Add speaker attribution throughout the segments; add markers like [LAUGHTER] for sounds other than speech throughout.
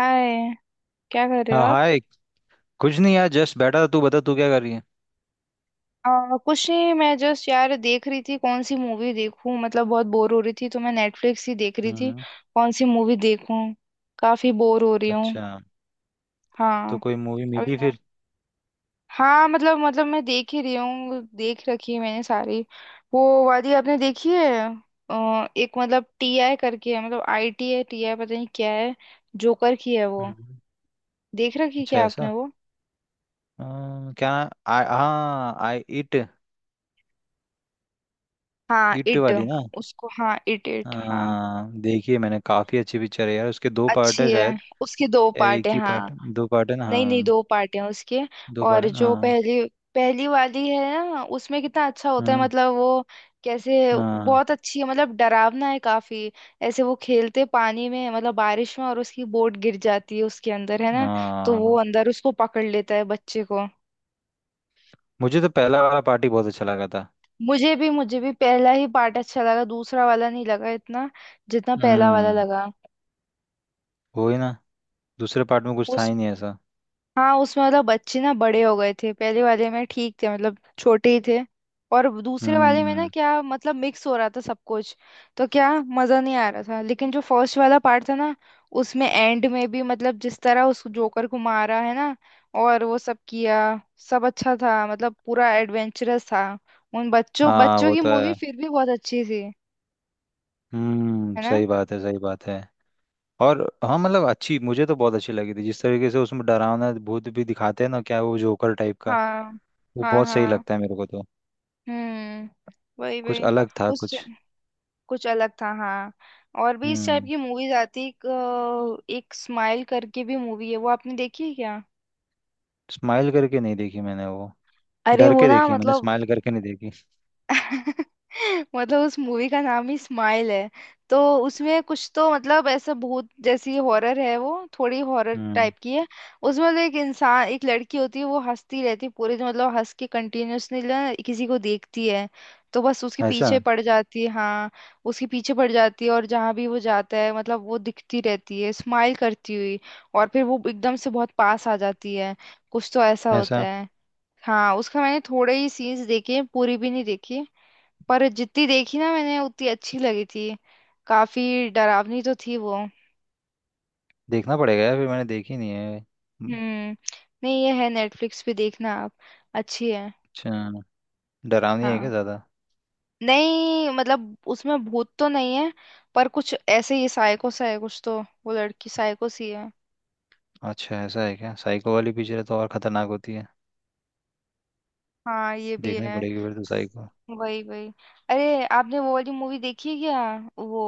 Speaker 1: हाय। क्या कर रहे हो
Speaker 2: हाँ
Speaker 1: आप?
Speaker 2: हाय। कुछ नहीं यार जस्ट बैठा था। तू बता तू क्या कर रही है।
Speaker 1: कुछ नहीं, मैं जस्ट यार देख रही थी कौन सी मूवी देखूं। मतलब बहुत बोर हो रही थी तो मैं नेटफ्लिक्स ही देख रही थी।
Speaker 2: हम्म।
Speaker 1: कौन सी मूवी देखूं? काफी बोर हो रही हूँ।
Speaker 2: अच्छा, तो
Speaker 1: हाँ।
Speaker 2: कोई मूवी
Speaker 1: अभी
Speaker 2: मिली
Speaker 1: मैं-
Speaker 2: फिर।
Speaker 1: हाँ मतलब मैं देख ही रही हूँ, देख रखी है मैंने सारी। वो वाली आपने देखी है? एक मतलब टी आई करके है, मतलब आई टी है टी आई, पता नहीं क्या है। जोकर की है वो।
Speaker 2: हम्म।
Speaker 1: देख रखी
Speaker 2: अच्छा
Speaker 1: क्या आपने
Speaker 2: ऐसा।
Speaker 1: वो?
Speaker 2: क्या। हाँ आई इट।
Speaker 1: हाँ
Speaker 2: इट
Speaker 1: इट।
Speaker 2: वाली ना।
Speaker 1: उसको हाँ, इट इट हाँ।
Speaker 2: हाँ देखिए मैंने, काफी अच्छी पिक्चर है यार। उसके दो पार्ट
Speaker 1: अच्छी
Speaker 2: है
Speaker 1: है।
Speaker 2: शायद,
Speaker 1: उसके दो
Speaker 2: या
Speaker 1: पार्ट
Speaker 2: एक
Speaker 1: है
Speaker 2: ही
Speaker 1: हाँ।
Speaker 2: पार्ट। दो पार्ट है ना
Speaker 1: नहीं नहीं,
Speaker 2: हाँ।
Speaker 1: दो पार्ट हैं उसके।
Speaker 2: दो पार्ट
Speaker 1: और
Speaker 2: है ना
Speaker 1: जो
Speaker 2: हाँ।
Speaker 1: पहली, पहली वाली है ना उसमें कितना अच्छा होता है,
Speaker 2: हम्म,
Speaker 1: मतलब वो कैसे।
Speaker 2: हाँ
Speaker 1: बहुत अच्छी है, मतलब डरावना है काफी। ऐसे वो खेलते पानी में, मतलब बारिश में, और उसकी बोट गिर जाती है उसके अंदर है ना। तो
Speaker 2: हाँ।
Speaker 1: वो अंदर उसको पकड़ लेता है बच्चे को।
Speaker 2: मुझे तो पहला वाला पार्ट ही बहुत अच्छा लगा था।
Speaker 1: मुझे भी पहला ही पार्ट अच्छा लगा, दूसरा वाला नहीं लगा इतना जितना पहला वाला
Speaker 2: हम्म
Speaker 1: लगा।
Speaker 2: वही ना। दूसरे पार्ट में कुछ था
Speaker 1: उस
Speaker 2: ही नहीं ऐसा।
Speaker 1: हाँ उसमें मतलब बच्चे ना बड़े हो गए थे, पहले वाले में ठीक थे मतलब छोटे ही थे। और दूसरे वाले में ना
Speaker 2: हम्म।
Speaker 1: क्या मतलब मिक्स हो रहा था सब कुछ। तो क्या मजा नहीं आ रहा था। लेकिन जो फर्स्ट वाला पार्ट था ना, उसमें एंड में भी मतलब जिस तरह उस जोकर को मारा है ना और वो सब किया, सब अच्छा था। मतलब पूरा एडवेंचरस था। उन बच्चों
Speaker 2: हाँ
Speaker 1: बच्चों
Speaker 2: वो
Speaker 1: की
Speaker 2: तो
Speaker 1: मूवी
Speaker 2: है।
Speaker 1: फिर भी बहुत अच्छी थी। है ना।
Speaker 2: सही बात है सही बात है। और हाँ मतलब अच्छी, मुझे तो बहुत अच्छी लगी थी जिस तरीके से उसमें डरावना भूत भी दिखाते हैं ना, क्या वो जोकर टाइप का।
Speaker 1: हाँ
Speaker 2: वो
Speaker 1: हाँ
Speaker 2: बहुत सही
Speaker 1: हाँ।
Speaker 2: लगता है मेरे को तो।
Speaker 1: हम्म। वही
Speaker 2: कुछ
Speaker 1: वही।
Speaker 2: अलग था
Speaker 1: उस
Speaker 2: कुछ।
Speaker 1: कुछ अलग था हाँ। और भी इस टाइप
Speaker 2: हम्म।
Speaker 1: की मूवीज आती। एक स्माइल करके भी मूवी है, वो आपने देखी है क्या?
Speaker 2: स्माइल करके नहीं देखी मैंने वो।
Speaker 1: अरे
Speaker 2: डर
Speaker 1: वो
Speaker 2: के
Speaker 1: ना
Speaker 2: देखी है, मैंने
Speaker 1: मतलब
Speaker 2: स्माइल करके नहीं देखी।
Speaker 1: [LAUGHS] मतलब उस मूवी का नाम ही स्माइल है। तो उसमें कुछ तो मतलब ऐसा भूत जैसी हॉरर है वो। थोड़ी हॉरर
Speaker 2: हम्म।
Speaker 1: टाइप की है। उसमें मतलब एक इंसान, एक लड़की होती है। वो हंसती रहती है पूरे दिन, मतलब हंस के कंटिन्यूअसली ना किसी को देखती है तो बस उसके
Speaker 2: ऐसा।
Speaker 1: पीछे पड़ जाती है हाँ। उसके पीछे पड़ जाती है और जहाँ भी वो जाता है मतलब वो दिखती रहती है स्माइल करती हुई। और फिर वो एकदम से बहुत पास आ जाती है। कुछ तो ऐसा होता
Speaker 2: ऐसा।
Speaker 1: है। हाँ, उसका मैंने थोड़े ही सीन्स देखे हैं, पूरी भी नहीं देखी। पर जितनी देखी ना मैंने, उतनी अच्छी लगी थी। काफी डरावनी तो थी वो।
Speaker 2: देखना पड़ेगा यार, फिर मैंने देखी नहीं है।
Speaker 1: हम्म। नहीं, ये है नेटफ्लिक्स पे, देखना आप। अच्छी है।
Speaker 2: अच्छा। डरावनी है क्या
Speaker 1: हाँ।
Speaker 2: ज़्यादा।
Speaker 1: नहीं मतलब उसमें भूत तो नहीं है, पर कुछ ऐसे ही साइको सा है कुछ तो। वो लड़की साइको सी है।
Speaker 2: अच्छा, ऐसा है क्या। साइको वाली पिक्चर तो और खतरनाक होती है।
Speaker 1: हाँ ये भी
Speaker 2: देखनी
Speaker 1: है।
Speaker 2: पड़ेगी फिर तो साइको।
Speaker 1: वही वही। अरे आपने वो वाली मूवी देखी है क्या? वो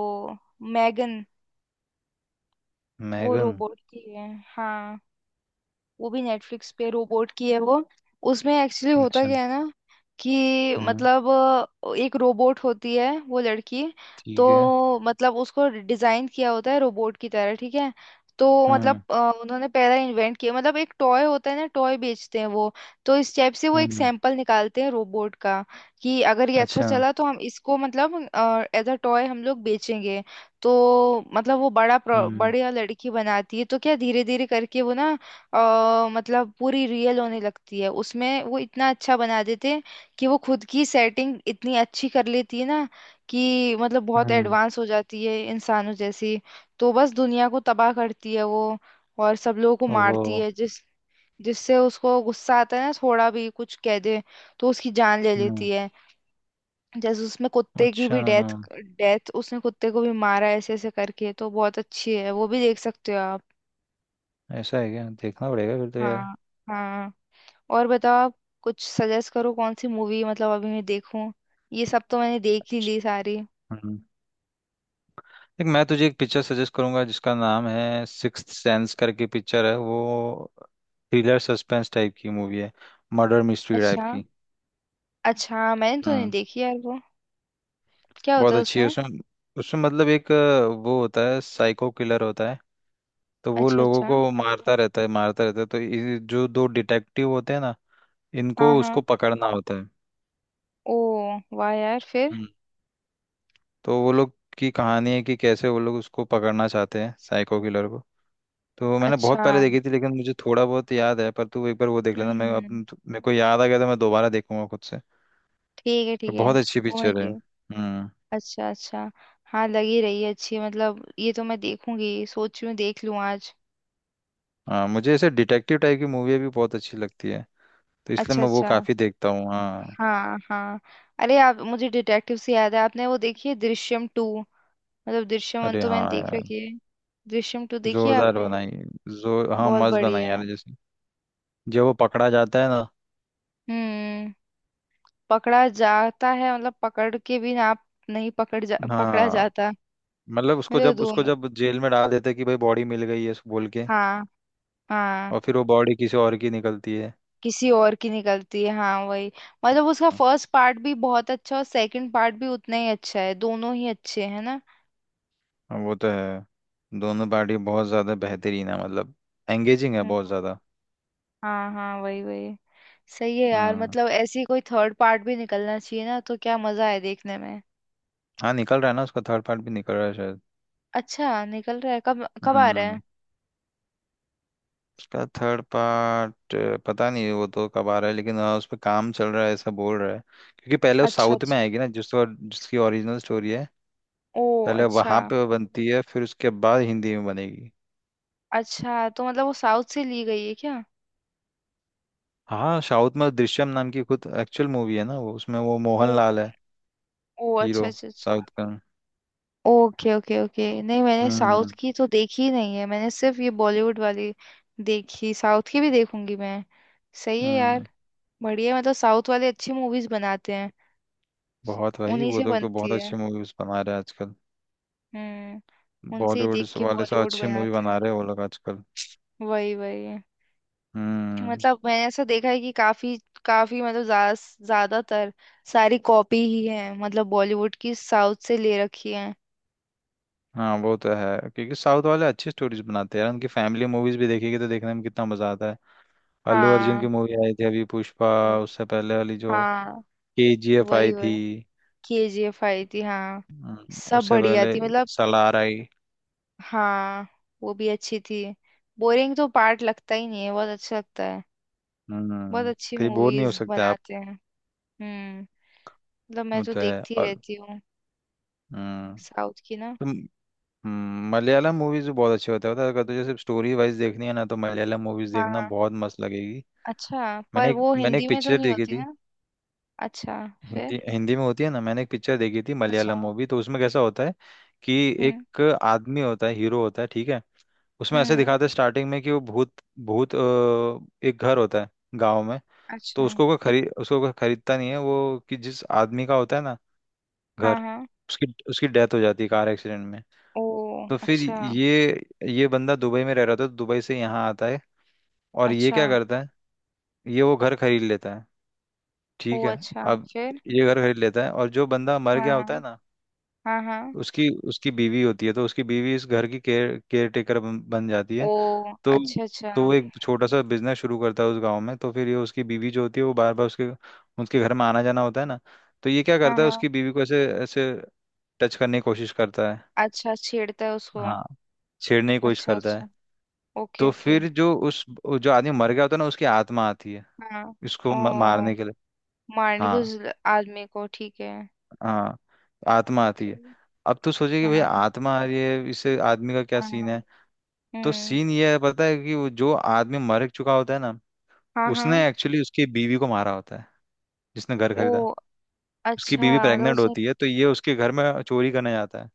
Speaker 1: मैगन। वो
Speaker 2: मैगन।
Speaker 1: रोबोट की है। हाँ। वो भी नेटफ्लिक्स पे, रोबोट की है वो। उसमें एक्चुअली होता
Speaker 2: अच्छा।
Speaker 1: क्या है ना कि
Speaker 2: हम्म।
Speaker 1: मतलब एक रोबोट होती है वो लड़की।
Speaker 2: ठीक है।
Speaker 1: तो मतलब उसको डिजाइन किया होता है रोबोट की तरह ठीक है। तो मतलब
Speaker 2: हम्म।
Speaker 1: उन्होंने पहला इन्वेंट किया मतलब एक टॉय होता है ना, टॉय बेचते हैं वो। तो इस टाइप से वो एक
Speaker 2: हम्म।
Speaker 1: सैंपल निकालते हैं रोबोट का कि अगर ये अच्छा
Speaker 2: अच्छा।
Speaker 1: चला तो हम इसको मतलब एज अ टॉय हम लोग बेचेंगे। तो मतलब वो बड़ा
Speaker 2: हम्म।
Speaker 1: बढ़िया लड़की बनाती है। तो क्या धीरे धीरे करके वो ना, अ मतलब पूरी रियल होने लगती है। उसमें वो इतना अच्छा बना देते हैं कि वो खुद की सेटिंग इतनी अच्छी कर लेती है ना, कि मतलब बहुत
Speaker 2: हम्म।
Speaker 1: एडवांस हो जाती है इंसानों जैसी। तो बस दुनिया को तबाह करती है वो, और सब लोगों को मारती
Speaker 2: ओहो।
Speaker 1: है, जिस जिससे उसको गुस्सा आता है ना थोड़ा भी कुछ कह दे तो उसकी जान ले
Speaker 2: हम्म।
Speaker 1: लेती है। जैसे उसमें कुत्ते की
Speaker 2: अच्छा,
Speaker 1: भी डेथ डेथ उसने कुत्ते को भी मारा ऐसे ऐसे करके। तो बहुत अच्छी है वो भी, देख सकते हो आप।
Speaker 2: ऐसा है क्या। देखना पड़ेगा फिर तो यार।
Speaker 1: हाँ हाँ। और बताओ आप, कुछ सजेस्ट करो कौन सी मूवी मतलब अभी मैं देखूं। ये सब तो मैंने देख ही ली सारी।
Speaker 2: हम्म। देख मैं तुझे एक पिक्चर सजेस्ट करूंगा जिसका नाम है सिक्स्थ सेंस करके, पिक्चर है। वो थ्रिलर सस्पेंस टाइप की मूवी है, मर्डर मिस्ट्री टाइप
Speaker 1: अच्छा।
Speaker 2: की।
Speaker 1: अच्छा मैंने तो नहीं
Speaker 2: हम्म।
Speaker 1: देखी यार वो। क्या होता
Speaker 2: बहुत
Speaker 1: है
Speaker 2: अच्छी है
Speaker 1: उसमें?
Speaker 2: उसमें। उसमें मतलब एक वो होता है साइको किलर होता है। तो वो
Speaker 1: अच्छा
Speaker 2: लोगों
Speaker 1: अच्छा।
Speaker 2: को मारता रहता है मारता रहता है, तो ये जो दो डिटेक्टिव होते हैं ना,
Speaker 1: हाँ
Speaker 2: इनको उसको
Speaker 1: हाँ।
Speaker 2: पकड़ना होता
Speaker 1: ओ, वाह यार फिर।
Speaker 2: है। तो वो लोग की कहानी है कि कैसे वो लोग उसको पकड़ना चाहते हैं साइको किलर को। तो मैंने बहुत
Speaker 1: अच्छा
Speaker 2: पहले
Speaker 1: हम्म।
Speaker 2: देखी थी, लेकिन मुझे थोड़ा बहुत याद है। पर तू एक बार वो देख लेना,
Speaker 1: हम्म,
Speaker 2: मैं अब
Speaker 1: हम्म।
Speaker 2: मेरे को याद आ गया तो मैं दोबारा देखूंगा खुद से।
Speaker 1: ठीक है
Speaker 2: पर
Speaker 1: ठीक है।
Speaker 2: बहुत अच्छी
Speaker 1: वो मैं
Speaker 2: पिक्चर है।
Speaker 1: देख।
Speaker 2: हम्म।
Speaker 1: अच्छा अच्छा। हाँ, लगी रही है अच्छी, मतलब ये तो मैं देखूंगी, सोच रही हूँ देख लूँ आज।
Speaker 2: हाँ मुझे ऐसे डिटेक्टिव टाइप की मूवी भी बहुत अच्छी लगती है, तो इसलिए
Speaker 1: अच्छा
Speaker 2: मैं वो
Speaker 1: अच्छा।
Speaker 2: काफी देखता हूँ। हाँ।
Speaker 1: हाँ हाँ। अरे आप, मुझे डिटेक्टिव से याद है, आपने वो देखी है दृश्यम टू? मतलब दृश्यम वन
Speaker 2: अरे
Speaker 1: तो मैंने
Speaker 2: हाँ
Speaker 1: देख
Speaker 2: यार,
Speaker 1: रखी है। दृश्यम टू देखी है
Speaker 2: जोरदार
Speaker 1: आपने?
Speaker 2: बनाई। जोर हाँ
Speaker 1: बहुत
Speaker 2: मस्त बनाई
Speaker 1: बढ़िया है।
Speaker 2: यार। जैसे जब वो पकड़ा जाता है ना,
Speaker 1: हम्म। पकड़ा जाता है मतलब पकड़ के भी आप। नहीं पकड़ जा पकड़ा
Speaker 2: हाँ,
Speaker 1: जाता।
Speaker 2: मतलब
Speaker 1: मतलब
Speaker 2: उसको
Speaker 1: दोनों।
Speaker 2: जब जेल में डाल देते हैं कि भाई बॉडी मिल गई है बोल के।
Speaker 1: हाँ हाँ।
Speaker 2: और फिर वो बॉडी किसी और की निकलती है।
Speaker 1: किसी और की निकलती है हाँ वही। मतलब उसका फर्स्ट पार्ट भी बहुत अच्छा और सेकंड पार्ट भी उतना ही अच्छा है। दोनों ही अच्छे हैं ना।
Speaker 2: हाँ, वो तो है। दोनों पार्टी बहुत ज़्यादा बेहतरीन है मतलब, एंगेजिंग है बहुत
Speaker 1: हम्म।
Speaker 2: ज़्यादा।
Speaker 1: हाँ हाँ। वही वही। सही है यार।
Speaker 2: हम्म।
Speaker 1: मतलब ऐसी कोई थर्ड पार्ट भी निकलना चाहिए ना, तो क्या मजा है देखने में।
Speaker 2: हाँ निकल रहा है ना, उसका थर्ड पार्ट भी निकल रहा है शायद।
Speaker 1: अच्छा निकल रहा है? कब कब आ रहा है?
Speaker 2: हम्म। उसका थर्ड पार्ट पता नहीं वो तो कब आ रहा है, लेकिन हाँ उस पर काम चल रहा है ऐसा बोल रहा है। क्योंकि पहले वो
Speaker 1: अच्छा
Speaker 2: साउथ में
Speaker 1: अच्छा।
Speaker 2: आएगी ना, जिस जिसकी ओरिजिनल स्टोरी है।
Speaker 1: ओ
Speaker 2: पहले
Speaker 1: अच्छा।
Speaker 2: वहाँ पे वो बनती है, फिर उसके बाद हिंदी में बनेगी।
Speaker 1: अच्छा, तो मतलब वो साउथ से ली गई है क्या?
Speaker 2: हाँ साउथ में दृश्यम नाम की खुद एक्चुअल मूवी है ना, वो उसमें वो
Speaker 1: ओ।
Speaker 2: मोहन लाल है
Speaker 1: ओ
Speaker 2: हीरो,
Speaker 1: अच्छा अच्छा अच्छा।
Speaker 2: साउथ का।
Speaker 1: Okay okay okay. नहीं, मैंने साउथ
Speaker 2: हम्म।
Speaker 1: की तो देखी ही नहीं है, मैंने सिर्फ ये बॉलीवुड वाली देखी। साउथ की भी देखूंगी मैं। सही है
Speaker 2: हम्म
Speaker 1: यार। बढ़िया, मतलब साउथ वाले अच्छी मूवीज बनाते हैं।
Speaker 2: बहुत भाई,
Speaker 1: उन्हीं
Speaker 2: वो
Speaker 1: से
Speaker 2: लोग तो
Speaker 1: बनती
Speaker 2: बहुत
Speaker 1: है।
Speaker 2: अच्छी मूवीज बना रहे हैं आजकल।
Speaker 1: हम्म। उनसे ही
Speaker 2: बॉलीवुड
Speaker 1: देख के
Speaker 2: वाले से
Speaker 1: बॉलीवुड
Speaker 2: अच्छी मूवी
Speaker 1: बनाते
Speaker 2: बना
Speaker 1: हैं।
Speaker 2: रहे हैं वो लोग आजकल।
Speaker 1: वही वही।
Speaker 2: हम्म।
Speaker 1: मतलब मैंने ऐसा देखा है कि काफी काफी मतलब ज्यादातर सारी कॉपी ही है, मतलब बॉलीवुड की साउथ से ले रखी है।
Speaker 2: हाँ वो तो है, क्योंकि साउथ वाले अच्छी स्टोरीज बनाते हैं यार। उनकी फैमिली मूवीज भी देखेगी तो देखने में कितना मजा आता है। अल्लू अर्जुन की
Speaker 1: हाँ।
Speaker 2: मूवी आई थी अभी, पुष्पा।
Speaker 1: ओ।
Speaker 2: उससे पहले वाली जो
Speaker 1: हाँ
Speaker 2: केजीएफ
Speaker 1: वही
Speaker 2: आई
Speaker 1: वही।
Speaker 2: थी।
Speaker 1: केजीएफ आई थी हाँ। सब
Speaker 2: उससे
Speaker 1: बढ़िया
Speaker 2: पहले
Speaker 1: थी मतलब।
Speaker 2: सलार आई।
Speaker 1: हाँ। वो भी अच्छी थी। बोरिंग तो पार्ट लगता ही नहीं है, बहुत अच्छा लगता है। बहुत
Speaker 2: हम्म।
Speaker 1: अच्छी
Speaker 2: कहीं बोर नहीं हो
Speaker 1: मूवीज
Speaker 2: सकते आप।
Speaker 1: बनाते हैं। हम्म। मतलब मैं
Speaker 2: वो
Speaker 1: तो
Speaker 2: तो है।
Speaker 1: देखती
Speaker 2: और
Speaker 1: रहती हूँ साउथ की ना।
Speaker 2: हम्म। मलयालम मूवीज भी बहुत अच्छे होते हैं पता है, अगर तुझे सिर्फ स्टोरी वाइज देखनी है ना तो मलयालम मूवीज देखना
Speaker 1: हाँ।
Speaker 2: बहुत मस्त लगेगी।
Speaker 1: अच्छा पर वो
Speaker 2: मैंने
Speaker 1: हिंदी
Speaker 2: एक
Speaker 1: में तो
Speaker 2: पिक्चर
Speaker 1: नहीं
Speaker 2: देखी
Speaker 1: होती
Speaker 2: थी।
Speaker 1: ना? अच्छा। फिर।
Speaker 2: हिंदी हिंदी में होती है ना। मैंने एक पिक्चर देखी थी
Speaker 1: अच्छा।
Speaker 2: मलयालम मूवी, तो उसमें कैसा होता है कि
Speaker 1: हम्म।
Speaker 2: एक आदमी होता है हीरो होता है ठीक है। उसमें ऐसे
Speaker 1: हम्म।
Speaker 2: दिखाते हैं स्टार्टिंग में कि वो भूत भूत अ, एक घर होता है गाँव में। तो
Speaker 1: अच्छा।
Speaker 2: उसको कोई खरीद उसको कोई खरीदता नहीं है वो, कि जिस आदमी का होता है ना
Speaker 1: हाँ
Speaker 2: घर,
Speaker 1: हाँ।
Speaker 2: उसकी उसकी डेथ हो जाती है कार एक्सीडेंट में।
Speaker 1: ओ।
Speaker 2: तो फिर
Speaker 1: अच्छा
Speaker 2: ये बंदा दुबई में रह रहा था, तो दुबई से यहाँ आता है। और ये
Speaker 1: अच्छा।
Speaker 2: क्या करता है, ये वो घर खरीद लेता है।
Speaker 1: ओ
Speaker 2: ठीक है।
Speaker 1: अच्छा।
Speaker 2: अब
Speaker 1: फिर।
Speaker 2: ये घर खरीद लेता है, और जो बंदा मर
Speaker 1: हाँ
Speaker 2: गया
Speaker 1: हाँ।
Speaker 2: होता है ना,
Speaker 1: हाँ हाँ।
Speaker 2: उसकी उसकी बीवी होती है। तो उसकी बीवी इस घर की केयर केयर टेकर बन बन जाती है।
Speaker 1: ओ।
Speaker 2: तो
Speaker 1: अच्छा अच्छा।
Speaker 2: तो वो एक छोटा सा बिजनेस शुरू करता है उस गांव में। तो फिर ये उसकी बीवी जो होती है वो बार बार उसके उसके घर में आना जाना होता है ना। तो ये क्या
Speaker 1: हाँ
Speaker 2: करता है,
Speaker 1: हाँ।
Speaker 2: उसकी बीवी को ऐसे ऐसे टच करने की कोशिश करता है।
Speaker 1: अच्छा, छेड़ता है उसको।
Speaker 2: हाँ, छेड़ने की कोशिश
Speaker 1: अच्छा
Speaker 2: करता
Speaker 1: अच्छा।
Speaker 2: है।
Speaker 1: ओके
Speaker 2: तो
Speaker 1: ओके।
Speaker 2: फिर जो उस वो जो आदमी मर गया होता है ना, उसकी आत्मा आती है
Speaker 1: हाँ।
Speaker 2: इसको
Speaker 1: ओ।
Speaker 2: मारने के लिए।
Speaker 1: मारने की
Speaker 2: हाँ।
Speaker 1: उस आदमी को ठीक है।
Speaker 2: हाँ आत्मा आती है।
Speaker 1: फिर।
Speaker 2: अब तो सोचे कि
Speaker 1: हाँ
Speaker 2: भाई
Speaker 1: हाँ
Speaker 2: आत्मा आ रही है, इससे आदमी का क्या सीन
Speaker 1: हाँ,
Speaker 2: है। तो
Speaker 1: हम्म।
Speaker 2: सीन ये है पता है, कि वो जो आदमी मर चुका होता है ना,
Speaker 1: हाँ हाँ।
Speaker 2: उसने एक्चुअली उसकी बीवी को मारा होता है, जिसने घर
Speaker 1: ओ
Speaker 2: खरीदा। उसकी
Speaker 1: अच्छा,
Speaker 2: बीवी
Speaker 1: मतलब
Speaker 2: प्रेग्नेंट
Speaker 1: उसने।
Speaker 2: होती है, तो ये उसके घर में चोरी करने जाता है।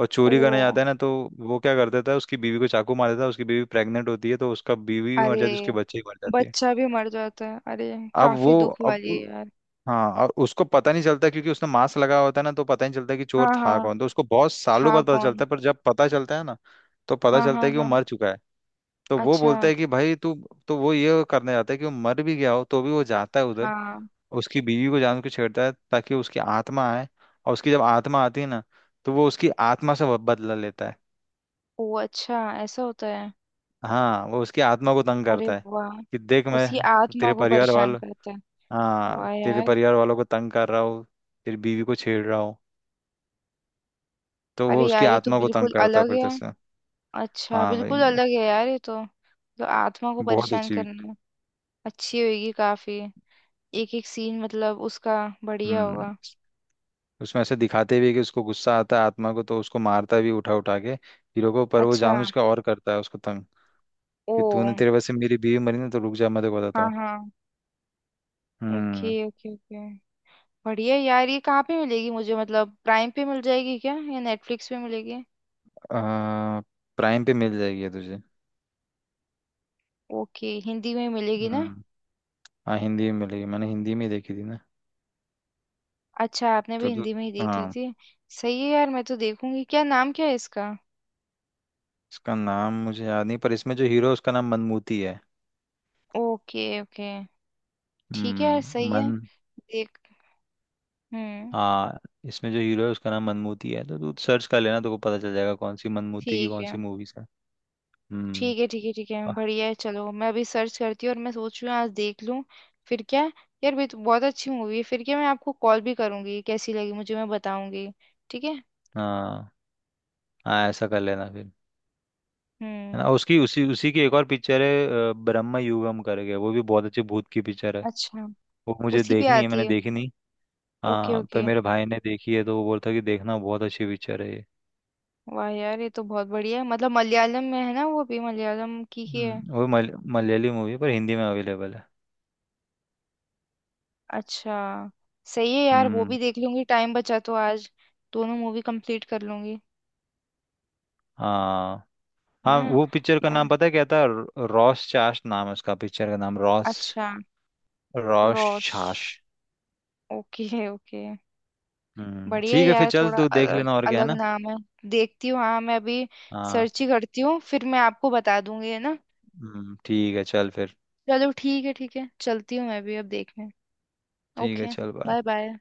Speaker 2: और
Speaker 1: ओ।
Speaker 2: चोरी करने जाता है ना तो वो क्या कर देता है, उसकी बीवी को चाकू मार देता है। उसकी बीवी प्रेग्नेंट होती है, तो उसका बीवी भी मर
Speaker 1: अरे,
Speaker 2: जाती है, उसके बच्चे भी मर जाते हैं।
Speaker 1: बच्चा भी मर जाता है अरे।
Speaker 2: अब
Speaker 1: काफी
Speaker 2: वो
Speaker 1: दुख वाली
Speaker 2: अब
Speaker 1: है यार।
Speaker 2: हाँ, और उसको पता नहीं चलता क्योंकि उसने मास्क लगा होता है ना, तो पता नहीं चलता कि
Speaker 1: हाँ
Speaker 2: चोर था
Speaker 1: हाँ।
Speaker 2: कौन। तो उसको बहुत सालों
Speaker 1: था
Speaker 2: बाद पता
Speaker 1: कौन?
Speaker 2: चलता है, पर जब पता चलता है ना, तो पता
Speaker 1: हाँ
Speaker 2: चलता
Speaker 1: हाँ
Speaker 2: है कि वो
Speaker 1: हाँ।
Speaker 2: मर चुका है। तो वो
Speaker 1: अच्छा।
Speaker 2: बोलता है कि भाई तू, तो वो ये करने जाता है कि वो मर भी गया हो तो भी वो जाता है उधर,
Speaker 1: हाँ।
Speaker 2: उसकी बीवी को जान के छेड़ता है, ताकि उसकी आत्मा आए। और उसकी जब आत्मा आती है ना, तो वो उसकी आत्मा से बदला लेता है।
Speaker 1: ओ अच्छा, ऐसा होता है।
Speaker 2: हाँ वो उसकी आत्मा को तंग
Speaker 1: अरे
Speaker 2: करता है,
Speaker 1: वाह।
Speaker 2: कि देख
Speaker 1: उसकी
Speaker 2: मैं
Speaker 1: आत्मा
Speaker 2: तेरे
Speaker 1: को
Speaker 2: परिवार
Speaker 1: परेशान
Speaker 2: वालों,
Speaker 1: करता है।
Speaker 2: हाँ,
Speaker 1: वाह
Speaker 2: तेरे
Speaker 1: यार।
Speaker 2: परिवार वालों को तंग कर रहा हूँ, तेरी बीवी को छेड़ रहा हूँ। तो
Speaker 1: अरे
Speaker 2: वो उसकी
Speaker 1: यार, ये तो
Speaker 2: आत्मा को तंग
Speaker 1: बिल्कुल
Speaker 2: करता है
Speaker 1: अलग
Speaker 2: फिर
Speaker 1: है।
Speaker 2: तस्वीर।
Speaker 1: अच्छा
Speaker 2: हाँ
Speaker 1: बिल्कुल
Speaker 2: भाई,
Speaker 1: अलग है यार ये तो। तो आत्मा को
Speaker 2: बहुत
Speaker 1: परेशान
Speaker 2: अच्छी।
Speaker 1: करना। अच्छी होगी काफी। एक एक सीन मतलब उसका बढ़िया
Speaker 2: हम्म।
Speaker 1: होगा।
Speaker 2: उसमें ऐसे दिखाते भी है कि उसको गुस्सा आता है आत्मा को, तो उसको मारता भी उठा उठा के हीरो को, पर वो
Speaker 1: अच्छा।
Speaker 2: जानबूझ के और करता है उसको तंग।
Speaker 1: ओ।
Speaker 2: कि तूने तेरे वजह से मेरी बीवी मरी ना, तो रुक जा मैं तेरे को बताता
Speaker 1: हाँ
Speaker 2: हूँ।
Speaker 1: हाँ। ओके
Speaker 2: हम्म।
Speaker 1: Okay okay. बढ़िया यार। ये कहाँ पे मिलेगी मुझे, मतलब प्राइम पे मिल जाएगी क्या या नेटफ्लिक्स पे मिलेगी?
Speaker 2: आ, प्राइम पे मिल जाएगी ये तुझे।
Speaker 1: ओके, हिंदी में मिलेगी ना?
Speaker 2: हम्म। हाँ हिंदी में मिलेगी, मैंने हिंदी में ही देखी थी ना।
Speaker 1: अच्छा, आपने भी
Speaker 2: तो
Speaker 1: हिंदी में ही देख ली
Speaker 2: हाँ।
Speaker 1: थी। सही है यार, मैं तो देखूंगी। क्या नाम क्या है इसका?
Speaker 2: इसका नाम मुझे याद नहीं, पर इसमें जो हीरो है, उसका नाम मनमूती है।
Speaker 1: Okay okay. ठीक है यार सही है।
Speaker 2: मन।
Speaker 1: देख। हम्म।
Speaker 2: हाँ इसमें जो हीरो है उसका नाम मनमूती है, तो तू सर्च कर लेना तो को पता चल जाएगा कौन सी मनमूती की
Speaker 1: ठीक
Speaker 2: कौन
Speaker 1: है
Speaker 2: सी मूवीज है। हम्म।
Speaker 1: ठीक है ठीक है ठीक है,
Speaker 2: आ-
Speaker 1: बढ़िया है। चलो मैं अभी सर्च करती हूँ और मैं सोच रही हूँ आज देख लूँ। फिर क्या यार, भी तो बहुत अच्छी मूवी है। फिर क्या, मैं आपको कॉल भी करूंगी, कैसी लगी मुझे मैं बताऊंगी। ठीक है।
Speaker 2: हाँ हाँ, ऐसा कर लेना फिर। है
Speaker 1: हम्म।
Speaker 2: ना, उसकी उसी उसी की एक और पिक्चर है ब्रह्म युगम करके, वो भी बहुत अच्छी भूत की पिक्चर है।
Speaker 1: अच्छा,
Speaker 2: वो मुझे
Speaker 1: उसी पे
Speaker 2: देखनी है,
Speaker 1: आती
Speaker 2: मैंने
Speaker 1: है।
Speaker 2: देखी नहीं।
Speaker 1: ओके
Speaker 2: हाँ पर
Speaker 1: ओके।
Speaker 2: मेरे भाई ने देखी है, तो वो बोलता कि देखना बहुत अच्छी पिक्चर है ये।
Speaker 1: वाह यार ये तो बहुत बढ़िया है। मतलब मलयालम में है ना वो भी, मलयालम की ही है।
Speaker 2: हम्म, वो मल, मलयाली मूवी है, पर हिंदी में अवेलेबल है।
Speaker 1: अच्छा। सही है यार, वो
Speaker 2: हम्म।
Speaker 1: भी देख लूंगी, टाइम बचा तो आज दोनों मूवी कंप्लीट कर लूंगी।
Speaker 2: हाँ
Speaker 1: है
Speaker 2: हाँ
Speaker 1: ना।
Speaker 2: वो पिक्चर का
Speaker 1: या।
Speaker 2: नाम पता है क्या था, रॉस चास्ट नाम है उसका, पिक्चर का नाम रॉस,
Speaker 1: अच्छा। रॉस।
Speaker 2: रोशाश।
Speaker 1: Okay okay. बढ़िया है
Speaker 2: ठीक है फिर
Speaker 1: यार,
Speaker 2: चल
Speaker 1: थोड़ा
Speaker 2: तू देख
Speaker 1: अलग,
Speaker 2: लेना। और क्या है
Speaker 1: अलग
Speaker 2: ना।
Speaker 1: नाम है। देखती हूँ हाँ मैं अभी,
Speaker 2: हाँ।
Speaker 1: सर्च ही करती हूँ, फिर मैं आपको बता दूंगी है ना।
Speaker 2: ठीक है चल फिर।
Speaker 1: चलो ठीक है ठीक है, चलती हूँ मैं भी अब देखने।
Speaker 2: ठीक है
Speaker 1: ओके।
Speaker 2: चल बाय।
Speaker 1: Bye bye.